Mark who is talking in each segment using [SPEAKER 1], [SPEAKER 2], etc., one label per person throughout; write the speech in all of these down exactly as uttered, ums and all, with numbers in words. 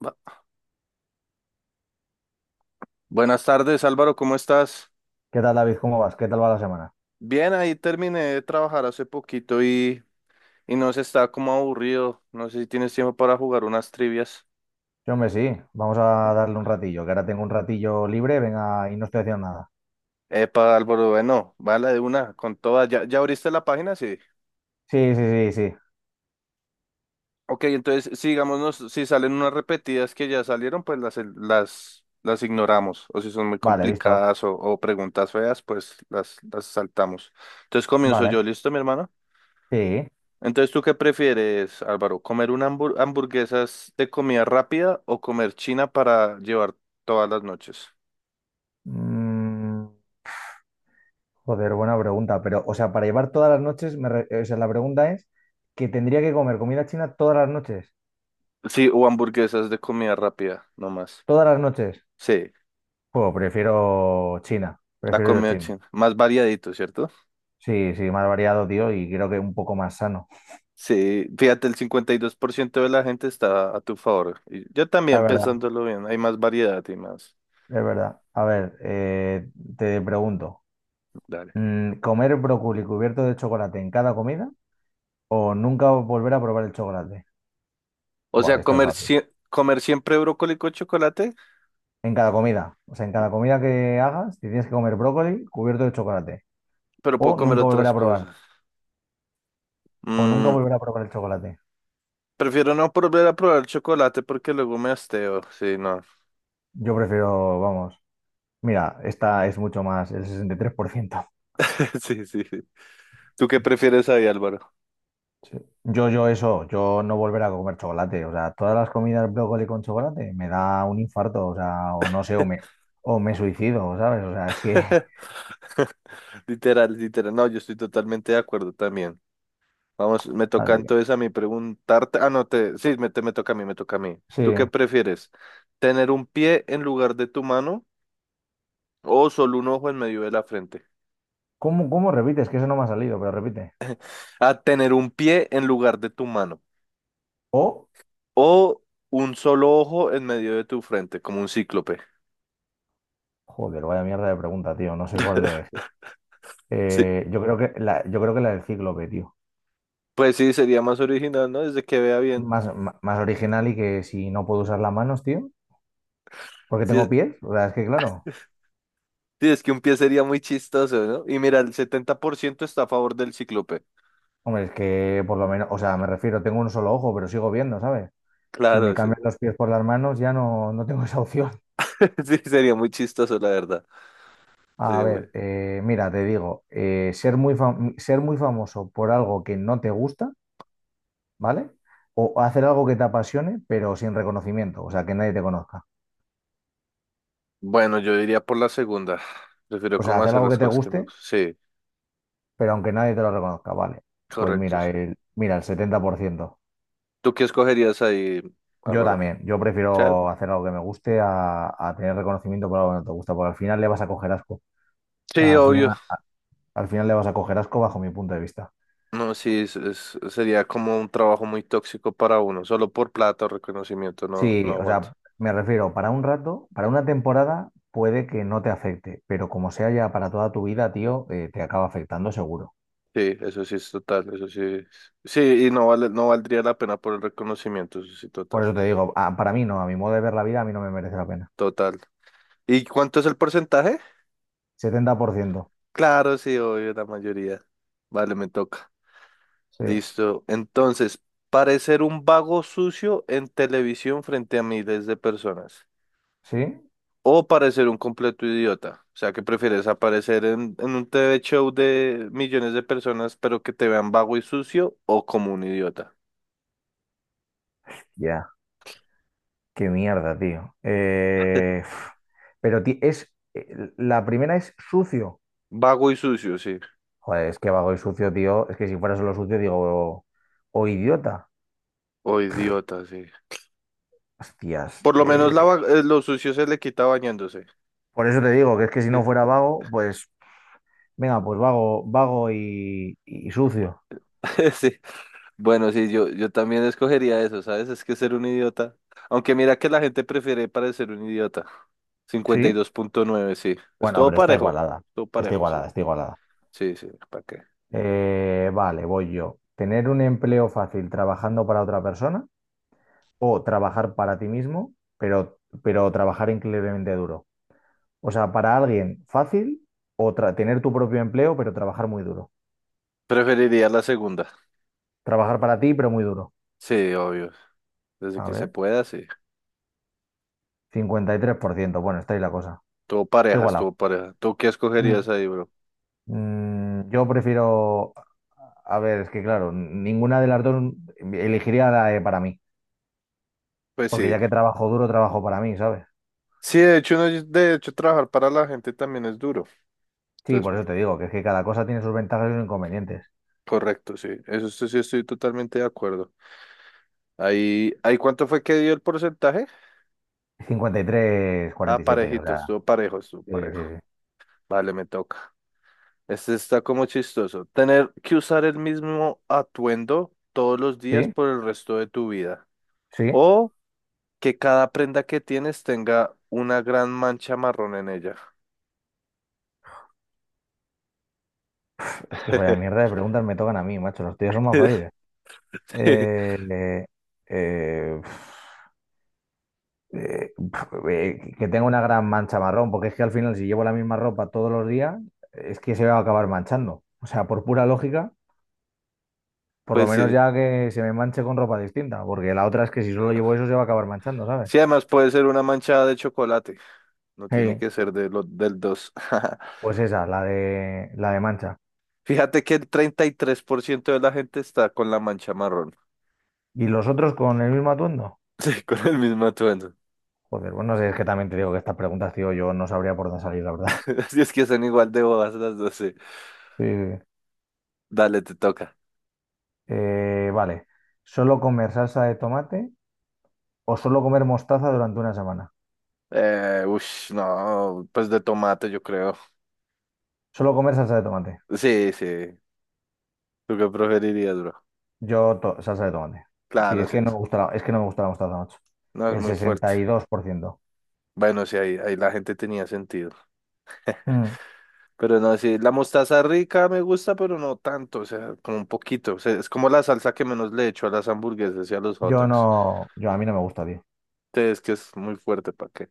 [SPEAKER 1] Bu- Buenas tardes, Álvaro, ¿cómo estás?
[SPEAKER 2] ¿Qué tal, David? ¿Cómo vas? ¿Qué tal va la semana?
[SPEAKER 1] Bien, ahí terminé de trabajar hace poquito y, y no sé, está como aburrido. No sé si tienes tiempo para jugar unas trivias.
[SPEAKER 2] Sí, hombre, sí, vamos a darle un ratillo, que ahora tengo un ratillo libre, venga, y no estoy haciendo nada.
[SPEAKER 1] Epa, Álvaro, bueno, vale, de una, con todas. ¿Ya, ya abriste la página? Sí.
[SPEAKER 2] Sí, sí, sí, sí.
[SPEAKER 1] Ok, entonces, si digamos, nos- si salen unas repetidas que ya salieron, pues las, las, las ignoramos. O si son muy
[SPEAKER 2] Vale, visto.
[SPEAKER 1] complicadas o, o preguntas feas, pues las, las saltamos. Entonces comienzo
[SPEAKER 2] Vale,
[SPEAKER 1] yo, ¿listo, mi hermano?
[SPEAKER 2] sí.
[SPEAKER 1] Entonces, ¿tú qué prefieres, Álvaro? ¿Comer una hambur- hamburguesas de comida rápida o comer china para llevar todas las noches?
[SPEAKER 2] Mm, Joder, buena pregunta, pero, o sea, para llevar todas las noches, me re- eh, o sea, la pregunta es que tendría que comer comida china todas las noches.
[SPEAKER 1] Sí, o hamburguesas de comida rápida, nomás.
[SPEAKER 2] Todas las noches.
[SPEAKER 1] Sí,
[SPEAKER 2] Pues prefiero China,
[SPEAKER 1] la
[SPEAKER 2] prefiero yo
[SPEAKER 1] comida
[SPEAKER 2] China.
[SPEAKER 1] china. Más variadito, ¿cierto?
[SPEAKER 2] Sí, sí, más variado, tío, y creo que un poco más sano.
[SPEAKER 1] Sí, fíjate, el cincuenta y dos por ciento de la gente está a tu favor. Y yo
[SPEAKER 2] Es
[SPEAKER 1] también,
[SPEAKER 2] verdad,
[SPEAKER 1] pensándolo bien, hay más variedad y más.
[SPEAKER 2] es verdad. A ver, eh, te pregunto.
[SPEAKER 1] Dale.
[SPEAKER 2] Mm, ¿comer brócoli cubierto de chocolate en cada comida o nunca volver a probar el chocolate?
[SPEAKER 1] O
[SPEAKER 2] Buah,
[SPEAKER 1] sea,
[SPEAKER 2] esta es
[SPEAKER 1] comer,
[SPEAKER 2] fácil.
[SPEAKER 1] sie- comer siempre brócoli con chocolate,
[SPEAKER 2] En cada comida. O sea, en cada comida que hagas, te tienes que comer brócoli cubierto de chocolate.
[SPEAKER 1] pero puedo
[SPEAKER 2] O
[SPEAKER 1] comer
[SPEAKER 2] nunca volver
[SPEAKER 1] otras
[SPEAKER 2] a probar.
[SPEAKER 1] cosas.
[SPEAKER 2] O nunca
[SPEAKER 1] Mm,
[SPEAKER 2] volver a probar el chocolate.
[SPEAKER 1] Prefiero no volver a probar chocolate porque luego me hasteo. Sí, no.
[SPEAKER 2] Yo prefiero, vamos. Mira, esta es mucho más, el sesenta y tres por ciento.
[SPEAKER 1] Sí, sí, sí. ¿Tú qué prefieres ahí, Álvaro?
[SPEAKER 2] Sí. Yo, yo eso, yo no volver a comer chocolate. O sea, todas las comidas brócoli con chocolate me da un infarto. O sea, o no sé, o me, o me suicido, ¿sabes? O sea, es que...
[SPEAKER 1] Literal, literal. No, yo estoy totalmente de acuerdo también. Vamos, me toca
[SPEAKER 2] Así.
[SPEAKER 1] entonces a mí preguntarte. Ah, no, te, sí, me, te, me toca a mí, me toca a mí.
[SPEAKER 2] Sí,
[SPEAKER 1] ¿Tú qué prefieres? ¿Tener un pie en lugar de tu mano o solo un ojo en medio de la frente?
[SPEAKER 2] ¿cómo, cómo repites? Que eso no me ha salido, pero repite.
[SPEAKER 1] Ah, tener un pie en lugar de tu mano
[SPEAKER 2] O,
[SPEAKER 1] o un solo ojo en medio de tu frente, como un cíclope.
[SPEAKER 2] joder, vaya mierda de pregunta, tío. No sé cuál de elegir.
[SPEAKER 1] Sí.
[SPEAKER 2] Eh, yo creo que la, yo creo que la del cíclope, tío.
[SPEAKER 1] Pues sí, sería más original, ¿no? Desde que vea bien.
[SPEAKER 2] Más, ma- más original y que si no puedo usar las manos, tío. Porque
[SPEAKER 1] Sí,
[SPEAKER 2] tengo
[SPEAKER 1] es
[SPEAKER 2] pies. O sea, es que claro.
[SPEAKER 1] sí, es que un pie sería muy chistoso, ¿no? Y mira, el setenta por ciento está a favor del cíclope.
[SPEAKER 2] Hombre, es que por lo menos, o sea, me refiero, tengo un solo ojo, pero sigo viendo, ¿sabes? Si me
[SPEAKER 1] Claro, sí.
[SPEAKER 2] cambian los pies por las manos, ya no, no tengo esa opción.
[SPEAKER 1] Sí, sería muy chistoso, la verdad.
[SPEAKER 2] A
[SPEAKER 1] Sería muy...
[SPEAKER 2] ver, eh, mira, te digo, eh, ser muy fam- ser muy famoso por algo que no te gusta, ¿vale? O hacer algo que te apasione, pero sin reconocimiento, o sea, que nadie te conozca.
[SPEAKER 1] Bueno, yo diría por la segunda. Prefiero
[SPEAKER 2] O sea,
[SPEAKER 1] cómo
[SPEAKER 2] hacer
[SPEAKER 1] hacer
[SPEAKER 2] algo que
[SPEAKER 1] las
[SPEAKER 2] te
[SPEAKER 1] cosas que me
[SPEAKER 2] guste,
[SPEAKER 1] gustan. Sí,
[SPEAKER 2] pero aunque nadie te lo reconozca, ¿vale? Pues
[SPEAKER 1] correcto.
[SPEAKER 2] mira,
[SPEAKER 1] Sí.
[SPEAKER 2] el, mira, el setenta por ciento.
[SPEAKER 1] ¿Tú qué escogerías ahí,
[SPEAKER 2] Yo
[SPEAKER 1] Álvaro?
[SPEAKER 2] también, yo prefiero
[SPEAKER 1] ¿Cerdo?
[SPEAKER 2] hacer algo que me guste a, a tener reconocimiento por algo que no te gusta, porque al final le vas a coger asco. O
[SPEAKER 1] Sí,
[SPEAKER 2] sea, al
[SPEAKER 1] obvio.
[SPEAKER 2] final, al final le vas a coger asco bajo mi punto de vista.
[SPEAKER 1] No, sí, es- es- sería como un trabajo muy tóxico para uno. Solo por plata o reconocimiento no,
[SPEAKER 2] Sí,
[SPEAKER 1] no
[SPEAKER 2] o
[SPEAKER 1] aguanto.
[SPEAKER 2] sea, me refiero, para un rato, para una temporada puede que no te afecte, pero como sea ya para toda tu vida, tío, eh, te acaba afectando seguro.
[SPEAKER 1] Sí, eso sí es total, eso sí. es- Sí, y no vale, no valdría la pena por el reconocimiento, eso sí,
[SPEAKER 2] Por
[SPEAKER 1] total.
[SPEAKER 2] eso te digo, ah, para mí no, a mi modo de ver la vida, a mí no me merece la pena.
[SPEAKER 1] Total. ¿Y cuánto es el porcentaje?
[SPEAKER 2] Setenta por ciento.
[SPEAKER 1] Claro, sí, obvio, la mayoría. Vale, me toca.
[SPEAKER 2] Sí,
[SPEAKER 1] Listo. Entonces, parecer un vago sucio en televisión frente a miles de personas.
[SPEAKER 2] sí,
[SPEAKER 1] O parecer un completo idiota. O sea, que prefieres aparecer en, en un T V show de millones de personas, pero que te vean vago y sucio o como un idiota.
[SPEAKER 2] ya. Qué mierda, tío. Eh, uf. pero ti- es, eh, la primera es sucio.
[SPEAKER 1] Vago y sucio, sí.
[SPEAKER 2] Joder, es que vago y sucio, tío. Es que si fuera solo sucio, digo, o, idiota.
[SPEAKER 1] O idiota, sí.
[SPEAKER 2] Hostias.
[SPEAKER 1] Por lo menos la, va-
[SPEAKER 2] eh,
[SPEAKER 1] eh, lo sucio se le quita bañándose.
[SPEAKER 2] por eso te digo que es que si no
[SPEAKER 1] Sí.
[SPEAKER 2] fuera vago, pues, venga, pues vago, vago y, y sucio.
[SPEAKER 1] Sí. Bueno, sí, yo, yo también escogería eso, ¿sabes? Es que ser un idiota. Aunque mira que la gente prefiere parecer un idiota. cincuenta y
[SPEAKER 2] Sí.
[SPEAKER 1] dos punto nueve sí. Es
[SPEAKER 2] Bueno,
[SPEAKER 1] todo
[SPEAKER 2] pero está
[SPEAKER 1] parejo.
[SPEAKER 2] igualada.
[SPEAKER 1] Todo
[SPEAKER 2] Está
[SPEAKER 1] parejo, sí.
[SPEAKER 2] igualada, está igualada.
[SPEAKER 1] Sí, sí, ¿para qué?
[SPEAKER 2] Eh, vale, voy yo. Tener un empleo fácil trabajando para otra persona o trabajar para ti mismo, pero, pero trabajar increíblemente duro. O sea, para alguien fácil o tra- tener tu propio empleo, pero trabajar muy duro.
[SPEAKER 1] Preferiría la segunda.
[SPEAKER 2] Trabajar para ti, pero muy duro.
[SPEAKER 1] Sí, obvio. Desde
[SPEAKER 2] A
[SPEAKER 1] que se
[SPEAKER 2] ver,
[SPEAKER 1] pueda, sí.
[SPEAKER 2] cincuenta y tres por ciento. Bueno, está ahí la cosa.
[SPEAKER 1] Todo
[SPEAKER 2] Está
[SPEAKER 1] parejas,
[SPEAKER 2] igualado.
[SPEAKER 1] todo pareja. ¿Tú qué
[SPEAKER 2] Mm.
[SPEAKER 1] escogerías ahí, bro?
[SPEAKER 2] Mm, yo prefiero... A ver, es que claro, ninguna de las dos elegiría la de para mí.
[SPEAKER 1] Pues
[SPEAKER 2] Porque
[SPEAKER 1] sí.
[SPEAKER 2] ya que trabajo duro, trabajo para mí, ¿sabes?
[SPEAKER 1] Sí, de hecho, no, de hecho, trabajar para la gente también es duro.
[SPEAKER 2] Sí,
[SPEAKER 1] Entonces,
[SPEAKER 2] por eso te digo, que es que cada cosa tiene sus ventajas y sus inconvenientes.
[SPEAKER 1] correcto, sí. Eso sí sí estoy totalmente de acuerdo. Ahí, ¿ahí cuánto fue que dio el porcentaje? Ah,
[SPEAKER 2] cincuenta y tres cuarenta y siete, o
[SPEAKER 1] parejito,
[SPEAKER 2] sea.
[SPEAKER 1] estuvo parejo, estuvo
[SPEAKER 2] Sí,
[SPEAKER 1] parejo.
[SPEAKER 2] sí,
[SPEAKER 1] Vale, me toca. Este está como chistoso. Tener que usar el mismo atuendo todos los
[SPEAKER 2] sí.
[SPEAKER 1] días
[SPEAKER 2] Sí,
[SPEAKER 1] por el resto de tu vida.
[SPEAKER 2] sí,
[SPEAKER 1] O que cada prenda que tienes tenga una gran mancha marrón en ella.
[SPEAKER 2] es que vaya mierda de preguntas me tocan a mí, macho. Los tíos son más fáciles. Eh, eh, eh, eh, pf, eh, que tenga una gran mancha marrón, porque es que al final, si llevo la misma ropa todos los días, es que se va a acabar manchando. O sea, por pura lógica, por lo
[SPEAKER 1] Pues
[SPEAKER 2] menos
[SPEAKER 1] sí.
[SPEAKER 2] ya que se me manche con ropa distinta, porque la otra es que si solo llevo eso, se va a acabar manchando, ¿sabes?
[SPEAKER 1] Sí, además puede ser una manchada de chocolate. No tiene
[SPEAKER 2] Sí,
[SPEAKER 1] que ser de lo- del dos.
[SPEAKER 2] pues esa, la de, la de mancha.
[SPEAKER 1] Fíjate que el treinta y tres por ciento de la gente está con la mancha marrón.
[SPEAKER 2] ¿Y los otros con el mismo atuendo?
[SPEAKER 1] Sí, con el mismo atuendo.
[SPEAKER 2] Joder, bueno, es que también te digo que estas preguntas, tío, yo no sabría por dónde salir, la verdad.
[SPEAKER 1] Así es que son igual de bobas las dos. Sí.
[SPEAKER 2] Sí. Sí.
[SPEAKER 1] Dale, te toca.
[SPEAKER 2] Eh, vale. ¿Solo comer salsa de tomate o solo comer mostaza durante una semana?
[SPEAKER 1] Eh, ush, no, pues de tomate yo creo.
[SPEAKER 2] Solo comer salsa de tomate.
[SPEAKER 1] Sí, sí. ¿Tú qué preferirías, bro?
[SPEAKER 2] Yo to- salsa de tomate. Sí,
[SPEAKER 1] Claro,
[SPEAKER 2] es
[SPEAKER 1] sí.
[SPEAKER 2] que no me
[SPEAKER 1] es-
[SPEAKER 2] gusta la, es que no me gusta la mostaza, macho.
[SPEAKER 1] No es
[SPEAKER 2] El
[SPEAKER 1] muy fuerte.
[SPEAKER 2] sesenta y dos por ciento.
[SPEAKER 1] Bueno, sí, ahí, ahí la gente tenía sentido.
[SPEAKER 2] Mm.
[SPEAKER 1] Pero no, sí, la mostaza rica me gusta, pero no tanto, o sea, como un poquito. O sea, es como la salsa que menos le echo a las hamburguesas y a los hot
[SPEAKER 2] Yo
[SPEAKER 1] dogs.
[SPEAKER 2] no, yo a mí no me gusta, tío.
[SPEAKER 1] Entonces, que es muy fuerte, ¿para qué?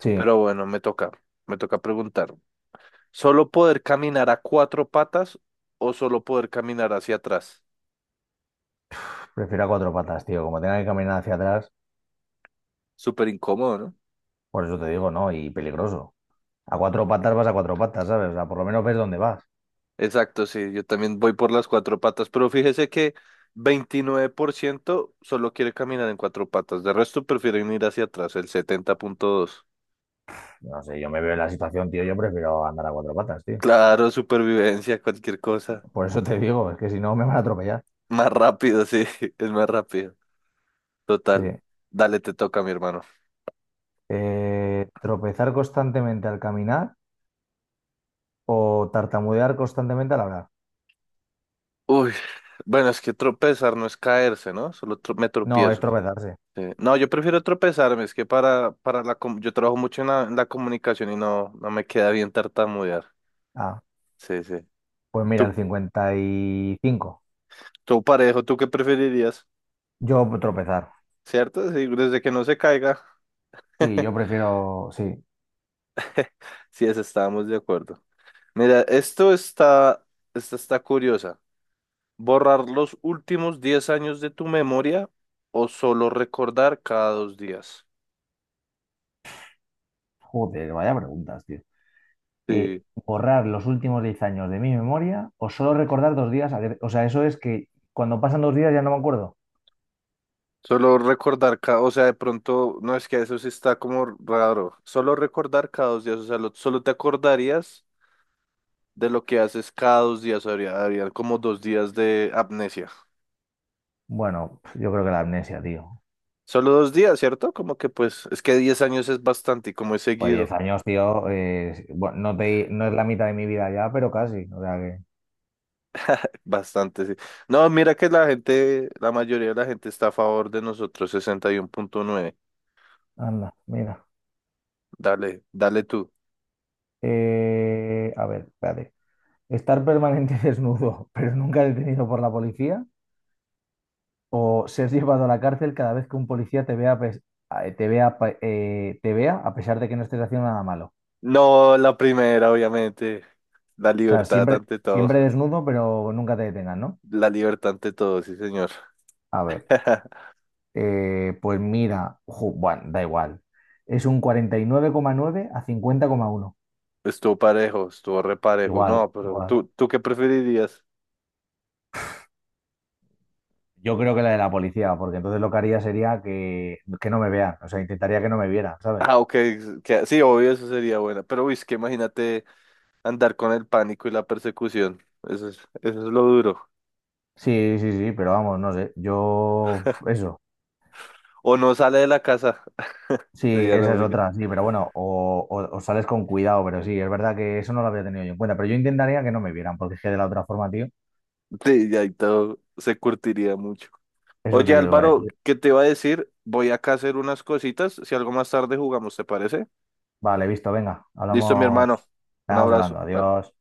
[SPEAKER 2] Sí,
[SPEAKER 1] Pero bueno, me toca, me toca preguntar. ¿Solo poder caminar a cuatro patas o solo poder caminar hacia atrás?
[SPEAKER 2] prefiero a cuatro patas, tío. Como tenga que caminar hacia atrás,
[SPEAKER 1] Súper incómodo, ¿no?
[SPEAKER 2] por eso te digo, ¿no? Y peligroso. A cuatro patas vas a cuatro patas, ¿sabes? O sea, por lo menos ves dónde vas.
[SPEAKER 1] Exacto, sí, yo también voy por las cuatro patas, pero fíjese que veintinueve por ciento solo quiere caminar en cuatro patas, de resto prefieren ir hacia atrás, el setenta punto dos.
[SPEAKER 2] No sé, yo me veo en la situación, tío, yo prefiero andar a cuatro patas, tío.
[SPEAKER 1] Claro, supervivencia, cualquier cosa.
[SPEAKER 2] Por eso te digo, es que si no me van a atropellar.
[SPEAKER 1] Más rápido, sí, es más rápido.
[SPEAKER 2] Sí.
[SPEAKER 1] Total, dale, te toca, mi hermano.
[SPEAKER 2] Eh, tropezar constantemente al caminar o tartamudear constantemente al hablar.
[SPEAKER 1] Uy, bueno, es que tropezar no es caerse, ¿no? Solo tro- me
[SPEAKER 2] No, es
[SPEAKER 1] tropiezo.
[SPEAKER 2] tropezarse.
[SPEAKER 1] Sí. No, yo prefiero tropezarme, es que para, para la... com- Yo trabajo mucho en la, en la comunicación y no, no me queda bien tartamudear.
[SPEAKER 2] Ah,
[SPEAKER 1] Sí, sí.
[SPEAKER 2] pues mira, el
[SPEAKER 1] ¿Tú,
[SPEAKER 2] cincuenta y cinco.
[SPEAKER 1] todo parejo, ¿tú qué preferirías?
[SPEAKER 2] Yo tropezar.
[SPEAKER 1] ¿Cierto? Sí, desde que no se caiga.
[SPEAKER 2] Sí, yo prefiero, sí.
[SPEAKER 1] Sí, eso estábamos de acuerdo. Mira, esto está, esta está curiosa. ¿Borrar los últimos diez años de tu memoria o solo recordar cada dos días?
[SPEAKER 2] Joder, vaya preguntas, tío.
[SPEAKER 1] Sí,
[SPEAKER 2] Eh, ¿borrar los últimos diez años de mi memoria o solo recordar dos días? a- O sea, eso es que cuando pasan dos días ya no me acuerdo.
[SPEAKER 1] solo recordar cada, o sea, de pronto, no, es que eso sí está como raro. Solo recordar cada dos días, o sea, lo- solo te acordarías de lo que haces cada dos días. Habría, habría como dos días de amnesia.
[SPEAKER 2] Bueno, yo creo que la amnesia, tío.
[SPEAKER 1] Solo dos días, ¿cierto? Como que pues, es que diez años es bastante y como he
[SPEAKER 2] Pues diez
[SPEAKER 1] seguido,
[SPEAKER 2] años, tío, eh, bueno, no te, no es la mitad de mi vida ya, pero casi. O sea que,
[SPEAKER 1] bastante, sí. No, mira que la gente, la mayoría de la gente está a favor de nosotros, sesenta y uno punto nueve.
[SPEAKER 2] anda, mira.
[SPEAKER 1] Dale, dale tú.
[SPEAKER 2] Eh, a ver, espérate. Estar permanente desnudo, pero nunca detenido por la policía, o ser llevado a la cárcel cada vez que un policía te vea, a pes- a- te vea, pa- eh, te vea a pesar de que no estés haciendo nada malo.
[SPEAKER 1] No, la primera, obviamente. La
[SPEAKER 2] O sea,
[SPEAKER 1] libertad
[SPEAKER 2] siempre,
[SPEAKER 1] ante todo.
[SPEAKER 2] siempre desnudo, pero nunca te detengan, ¿no?
[SPEAKER 1] La libertad ante todo, sí, señor.
[SPEAKER 2] A ver, eh, pues mira, ju- bueno, da igual. Es un cuarenta y nueve coma nueve a cincuenta coma uno.
[SPEAKER 1] Estuvo parejo, estuvo reparejo.
[SPEAKER 2] Igual,
[SPEAKER 1] No, pero
[SPEAKER 2] igual.
[SPEAKER 1] tú, ¿tú qué preferirías?
[SPEAKER 2] Yo creo que la de la policía, porque entonces lo que haría sería que, que no me vean, o sea, intentaría que no me vieran, ¿sabes?
[SPEAKER 1] Ah, ok, que, sí, obvio, eso sería buena. Pero, uy, es que imagínate. Andar con el pánico y la persecución. Eso es, eso es lo duro.
[SPEAKER 2] Sí, sí, sí, pero vamos, no sé, yo eso,
[SPEAKER 1] O no sale de la casa.
[SPEAKER 2] sí,
[SPEAKER 1] Sería la
[SPEAKER 2] esa es
[SPEAKER 1] única.
[SPEAKER 2] otra, sí, pero bueno, o, o- o sales con cuidado, pero sí, es verdad que eso no lo había tenido yo en cuenta, pero yo intentaría que no me vieran, porque es que de la otra forma, tío,
[SPEAKER 1] Sí, ya ahí todo se curtiría mucho.
[SPEAKER 2] eso te
[SPEAKER 1] Oye,
[SPEAKER 2] digo, vale,
[SPEAKER 1] Álvaro, ¿qué te iba a decir? Voy acá a hacer unas cositas. Si algo más tarde jugamos, ¿te parece?
[SPEAKER 2] vale, visto, venga,
[SPEAKER 1] Listo, mi hermano.
[SPEAKER 2] hablamos,
[SPEAKER 1] Un
[SPEAKER 2] vamos hablando,
[SPEAKER 1] abrazo. Bye.
[SPEAKER 2] adiós.